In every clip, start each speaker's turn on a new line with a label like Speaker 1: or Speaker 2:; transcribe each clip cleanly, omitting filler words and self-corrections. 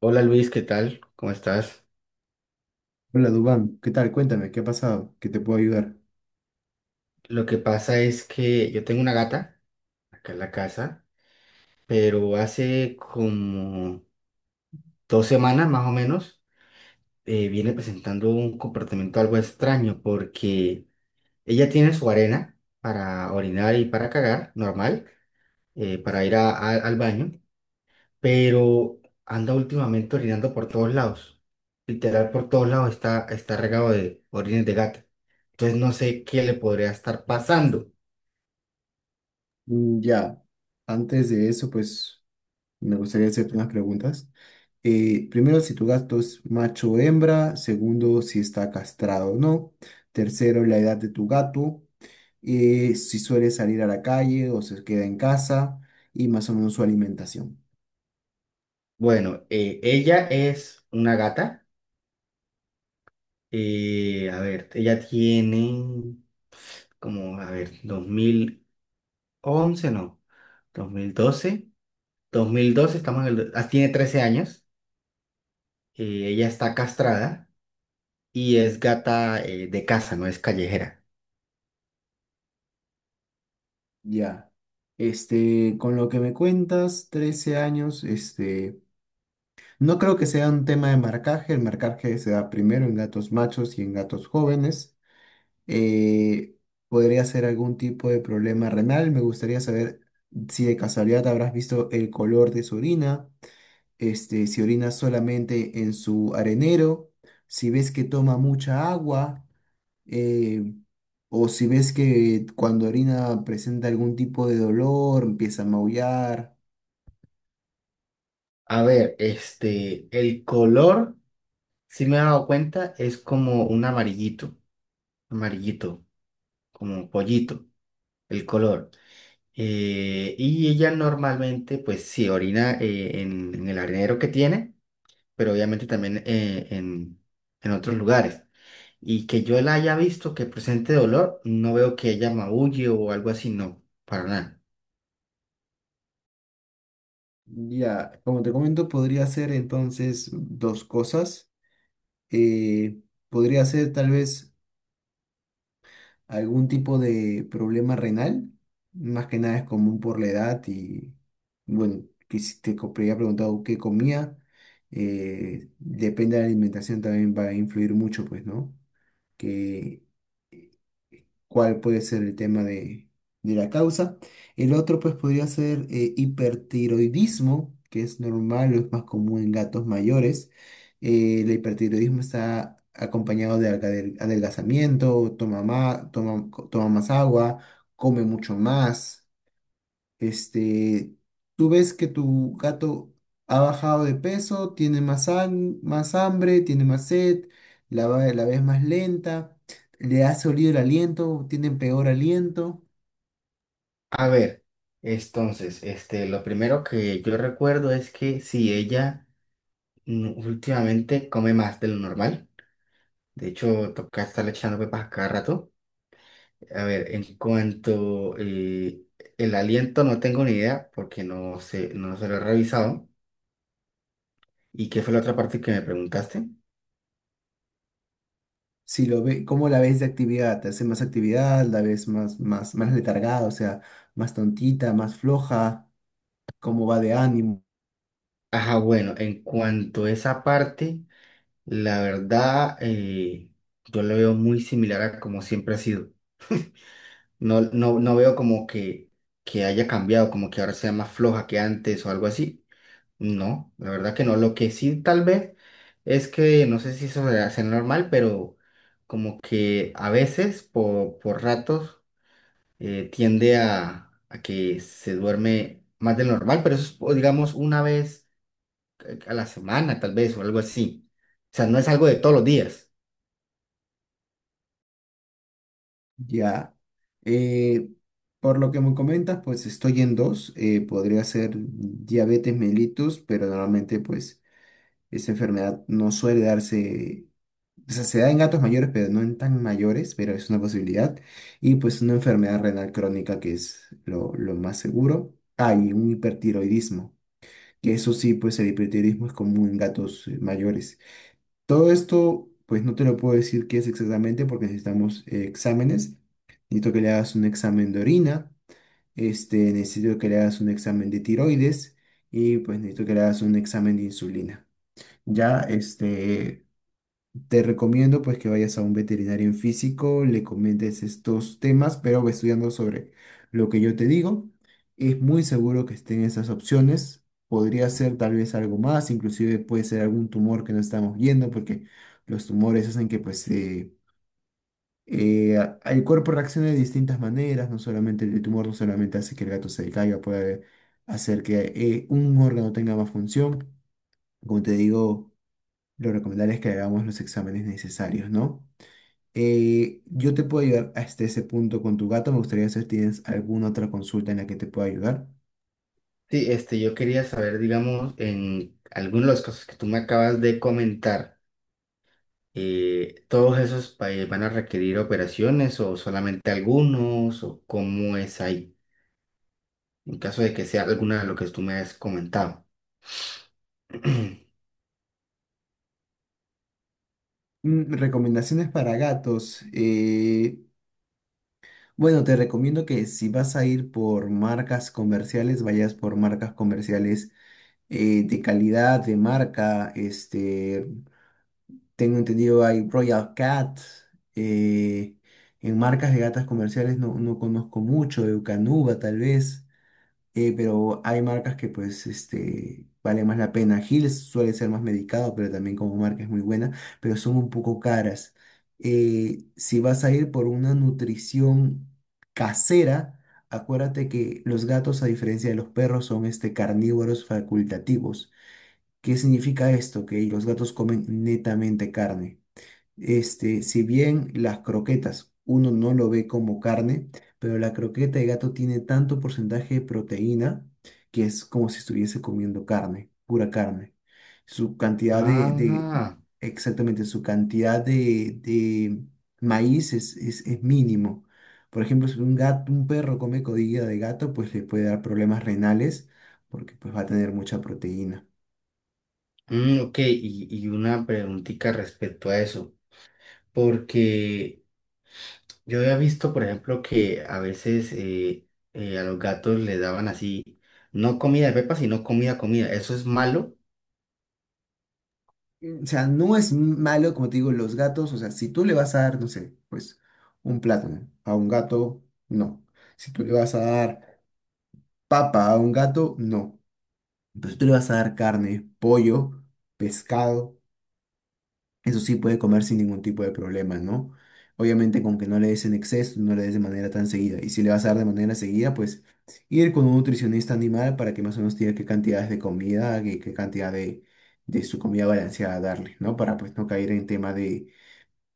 Speaker 1: Hola Luis, ¿qué tal? ¿Cómo estás?
Speaker 2: Hola Dubán, ¿qué tal? Cuéntame, ¿qué ha pasado? ¿Qué te puedo ayudar?
Speaker 1: Lo que pasa es que yo tengo una gata acá en la casa, pero hace como 2 semanas más o menos viene presentando un comportamiento algo extraño porque ella tiene su arena para orinar y para cagar, normal, para ir al baño, pero anda últimamente orinando por todos lados. Literal, por todos lados está regado de orines de gata. Entonces no sé qué le podría estar pasando.
Speaker 2: Ya, antes de eso, pues me gustaría hacerte unas preguntas. Primero, si tu gato es macho o hembra. Segundo, si está castrado o no. Tercero, la edad de tu gato. Si suele salir a la calle o se queda en casa. Y más o menos su alimentación.
Speaker 1: Bueno, ella es una gata. Ella tiene como dos mil once no, 2012, 2012 estamos en el... Ah, tiene 13 años. Ella está castrada y es gata de casa, no es callejera.
Speaker 2: Ya. Este, con lo que me cuentas, 13 años, este. No creo que sea un tema de marcaje, el marcaje se da primero en gatos machos y en gatos jóvenes. Eh, Podría ser algún tipo de problema renal, me gustaría saber si de casualidad habrás visto el color de su orina, este, si orina solamente en su arenero, si ves que toma mucha agua, eh, o si ves que cuando orina presenta algún tipo de dolor, empieza a maullar.
Speaker 1: A ver, este, el color, si me he dado cuenta, es como un amarillito, amarillito, como pollito, el color. Y ella normalmente, pues sí, orina en el arenero que tiene, pero obviamente también en otros lugares. Y que yo la haya visto que presente dolor, no veo que ella maulle o algo así, no, para nada.
Speaker 2: Ya, como te comento, podría ser entonces dos cosas. Eh, Podría ser tal vez algún tipo de problema renal, más que nada es común por la edad y bueno, que si te había preguntado qué comía, depende de la alimentación también va a influir mucho, pues, ¿no? Que cuál puede ser el tema de la causa. El otro, pues, podría ser hipertiroidismo, que es normal o es más común en gatos mayores. El hipertiroidismo está acompañado de adelgazamiento, toma más, toma más agua, come mucho más. Este, tú ves que tu gato ha bajado de peso, tiene más, más hambre, tiene más sed, la ves más lenta, le ha oído el aliento, tiene peor aliento.
Speaker 1: A ver, entonces, este, lo primero que yo recuerdo es que si ella mm, últimamente come más de lo normal, de hecho, toca estarle echando pepas a cada rato. A ver, en cuanto el aliento no tengo ni idea porque no sé, no se lo he revisado. ¿Y qué fue la otra parte que me preguntaste?
Speaker 2: Si lo ve, ¿cómo la ves de actividad? ¿Te hace más actividad? ¿La ves más, más letargada? O sea, más tontita, más floja. ¿Cómo va de ánimo?
Speaker 1: Ajá, bueno, en cuanto a esa parte, la verdad, yo lo veo muy similar a como siempre ha sido. No veo como que haya cambiado, como que ahora sea más floja que antes o algo así. No, la verdad que no. Lo que sí tal vez es no sé si eso se hace normal, pero como que a veces, por ratos, tiende a que se duerme más de lo normal, pero eso es, o digamos, una vez a la semana, tal vez, o algo así. O sea, no es algo de todos los días.
Speaker 2: Ya. Eh, por lo que me comentas, pues estoy en dos. Podría ser diabetes mellitus, pero normalmente pues esta enfermedad no suele darse, o sea, se da en gatos mayores, pero no en tan mayores, pero es una posibilidad. Y pues una enfermedad renal crónica, que es lo más seguro. Ah, y un hipertiroidismo, que eso sí, pues el hipertiroidismo es común en gatos mayores. Todo esto, pues no te lo puedo decir qué es exactamente porque necesitamos exámenes. Necesito que le hagas un examen de orina, este, necesito que le hagas un examen de tiroides y pues necesito que le hagas un examen de insulina. Ya, este, te recomiendo pues que vayas a un veterinario en físico, le comentes estos temas, pero ve estudiando sobre lo que yo te digo. Es muy seguro que estén esas opciones. Podría ser tal vez algo más, inclusive puede ser algún tumor que no estamos viendo, porque los tumores hacen que pues el cuerpo reaccione de distintas maneras, no solamente el tumor, no solamente hace que el gato se caiga, puede hacer que un órgano tenga más función. Como te digo, lo recomendable es que hagamos los exámenes necesarios, ¿no? Yo te puedo ayudar hasta ese punto con tu gato. Me gustaría saber si tienes alguna otra consulta en la que te pueda ayudar.
Speaker 1: Sí, este, yo quería saber, digamos, en algunos de los casos que tú me acabas de comentar. ¿Todos esos países van a requerir operaciones o solamente algunos o cómo es ahí? En caso de que sea alguna de lo que tú me has comentado.
Speaker 2: Mm, recomendaciones para gatos. Bueno, te recomiendo que si vas a ir por marcas comerciales, vayas por marcas comerciales de calidad, de marca. Este, tengo entendido hay Royal Cat. eh, en marcas de gatas comerciales no, no conozco mucho, Eukanuba tal vez. Pero hay marcas que pues este, vale más la pena. Hills suele ser más medicado, pero también como marca es muy buena, pero son un poco caras. Si vas a ir por una nutrición casera, acuérdate que los gatos, a diferencia de los perros, son este, carnívoros facultativos. ¿Qué significa esto? Que los gatos comen netamente carne. Este, si bien las croquetas uno no lo ve como carne, pero la croqueta de gato tiene tanto porcentaje de proteína que es como si estuviese comiendo carne, pura carne. Su cantidad de-
Speaker 1: Ah,
Speaker 2: exactamente, su cantidad de maíz es mínimo. Por ejemplo, si un gato, un perro come codilla de gato, pues le puede dar problemas renales porque pues va a tener mucha proteína.
Speaker 1: mm, ok, y una preguntita respecto a eso, porque yo había visto, por ejemplo, que a veces a los gatos les daban así, no comida de pepa, sino comida, comida, ¿eso es malo?
Speaker 2: O sea, no es malo, como te digo, los gatos, o sea, si tú le vas a dar, no sé, pues un plátano a un gato, no. Si tú le vas a dar papa a un gato, no. Pero si tú le vas a dar carne, pollo, pescado, eso sí puede comer sin ningún tipo de problema, ¿no? Obviamente con que no le des en exceso, no le des de manera tan seguida. Y si le vas a dar de manera seguida, pues ir con un nutricionista animal para que más o menos te diga qué cantidades de comida, qué, qué cantidad de su comida balanceada darle, ¿no? Para pues no caer en tema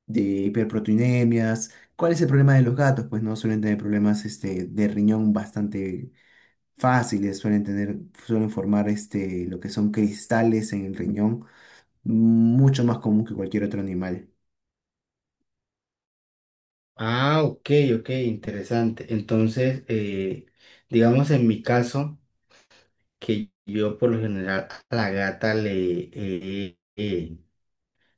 Speaker 2: de hiperproteinemias. ¿Cuál es el problema de los gatos? Pues no suelen tener problemas este, de riñón bastante fáciles, suelen tener, suelen formar este, lo que son cristales en el riñón, mucho más común que cualquier otro animal.
Speaker 1: Ah, ok, ok, interesante. Entonces, digamos en mi caso, que yo por lo general a la gata le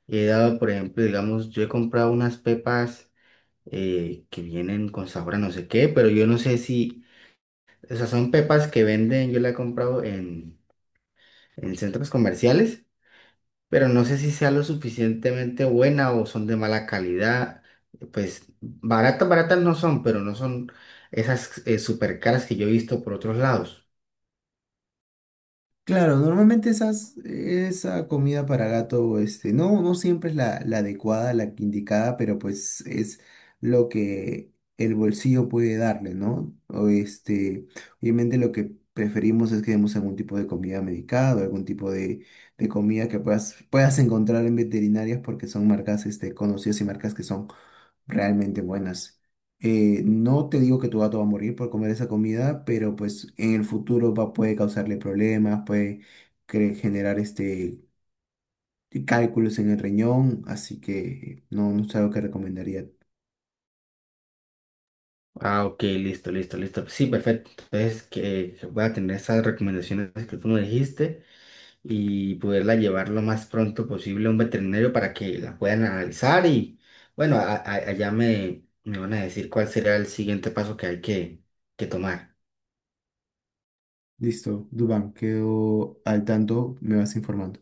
Speaker 1: he dado, por ejemplo, digamos, yo he comprado unas pepas que vienen con sabor a no sé qué, pero yo no sé si, o sea, son pepas que venden, yo la he comprado en centros comerciales, pero no sé si sea lo suficientemente buena o son de mala calidad, pues baratas, baratas no son, pero no son esas super caras que yo he visto por otros lados.
Speaker 2: Claro, normalmente esas, esa comida para gato, este, no, no siempre es la, la adecuada, la que indicada, pero pues es lo que el bolsillo puede darle, ¿no? O este, obviamente lo que preferimos es que demos algún tipo de comida medicada, o algún tipo de comida que puedas, puedas encontrar en veterinarias porque son marcas, este, conocidas y marcas que son realmente buenas. No te digo que tu gato va a morir por comer esa comida, pero pues en el futuro va, puede causarle problemas, puede generar este cálculos en el riñón, así que no, no es algo que recomendaría.
Speaker 1: Ah, ok, listo, listo, listo. Sí, perfecto. Entonces, que voy a tener esas recomendaciones que tú me dijiste y poderla llevar lo más pronto posible a un veterinario para que la puedan analizar y, bueno, allá me van a decir cuál será el siguiente paso que hay que tomar.
Speaker 2: Listo, Dubán, quedo al tanto, me vas informando.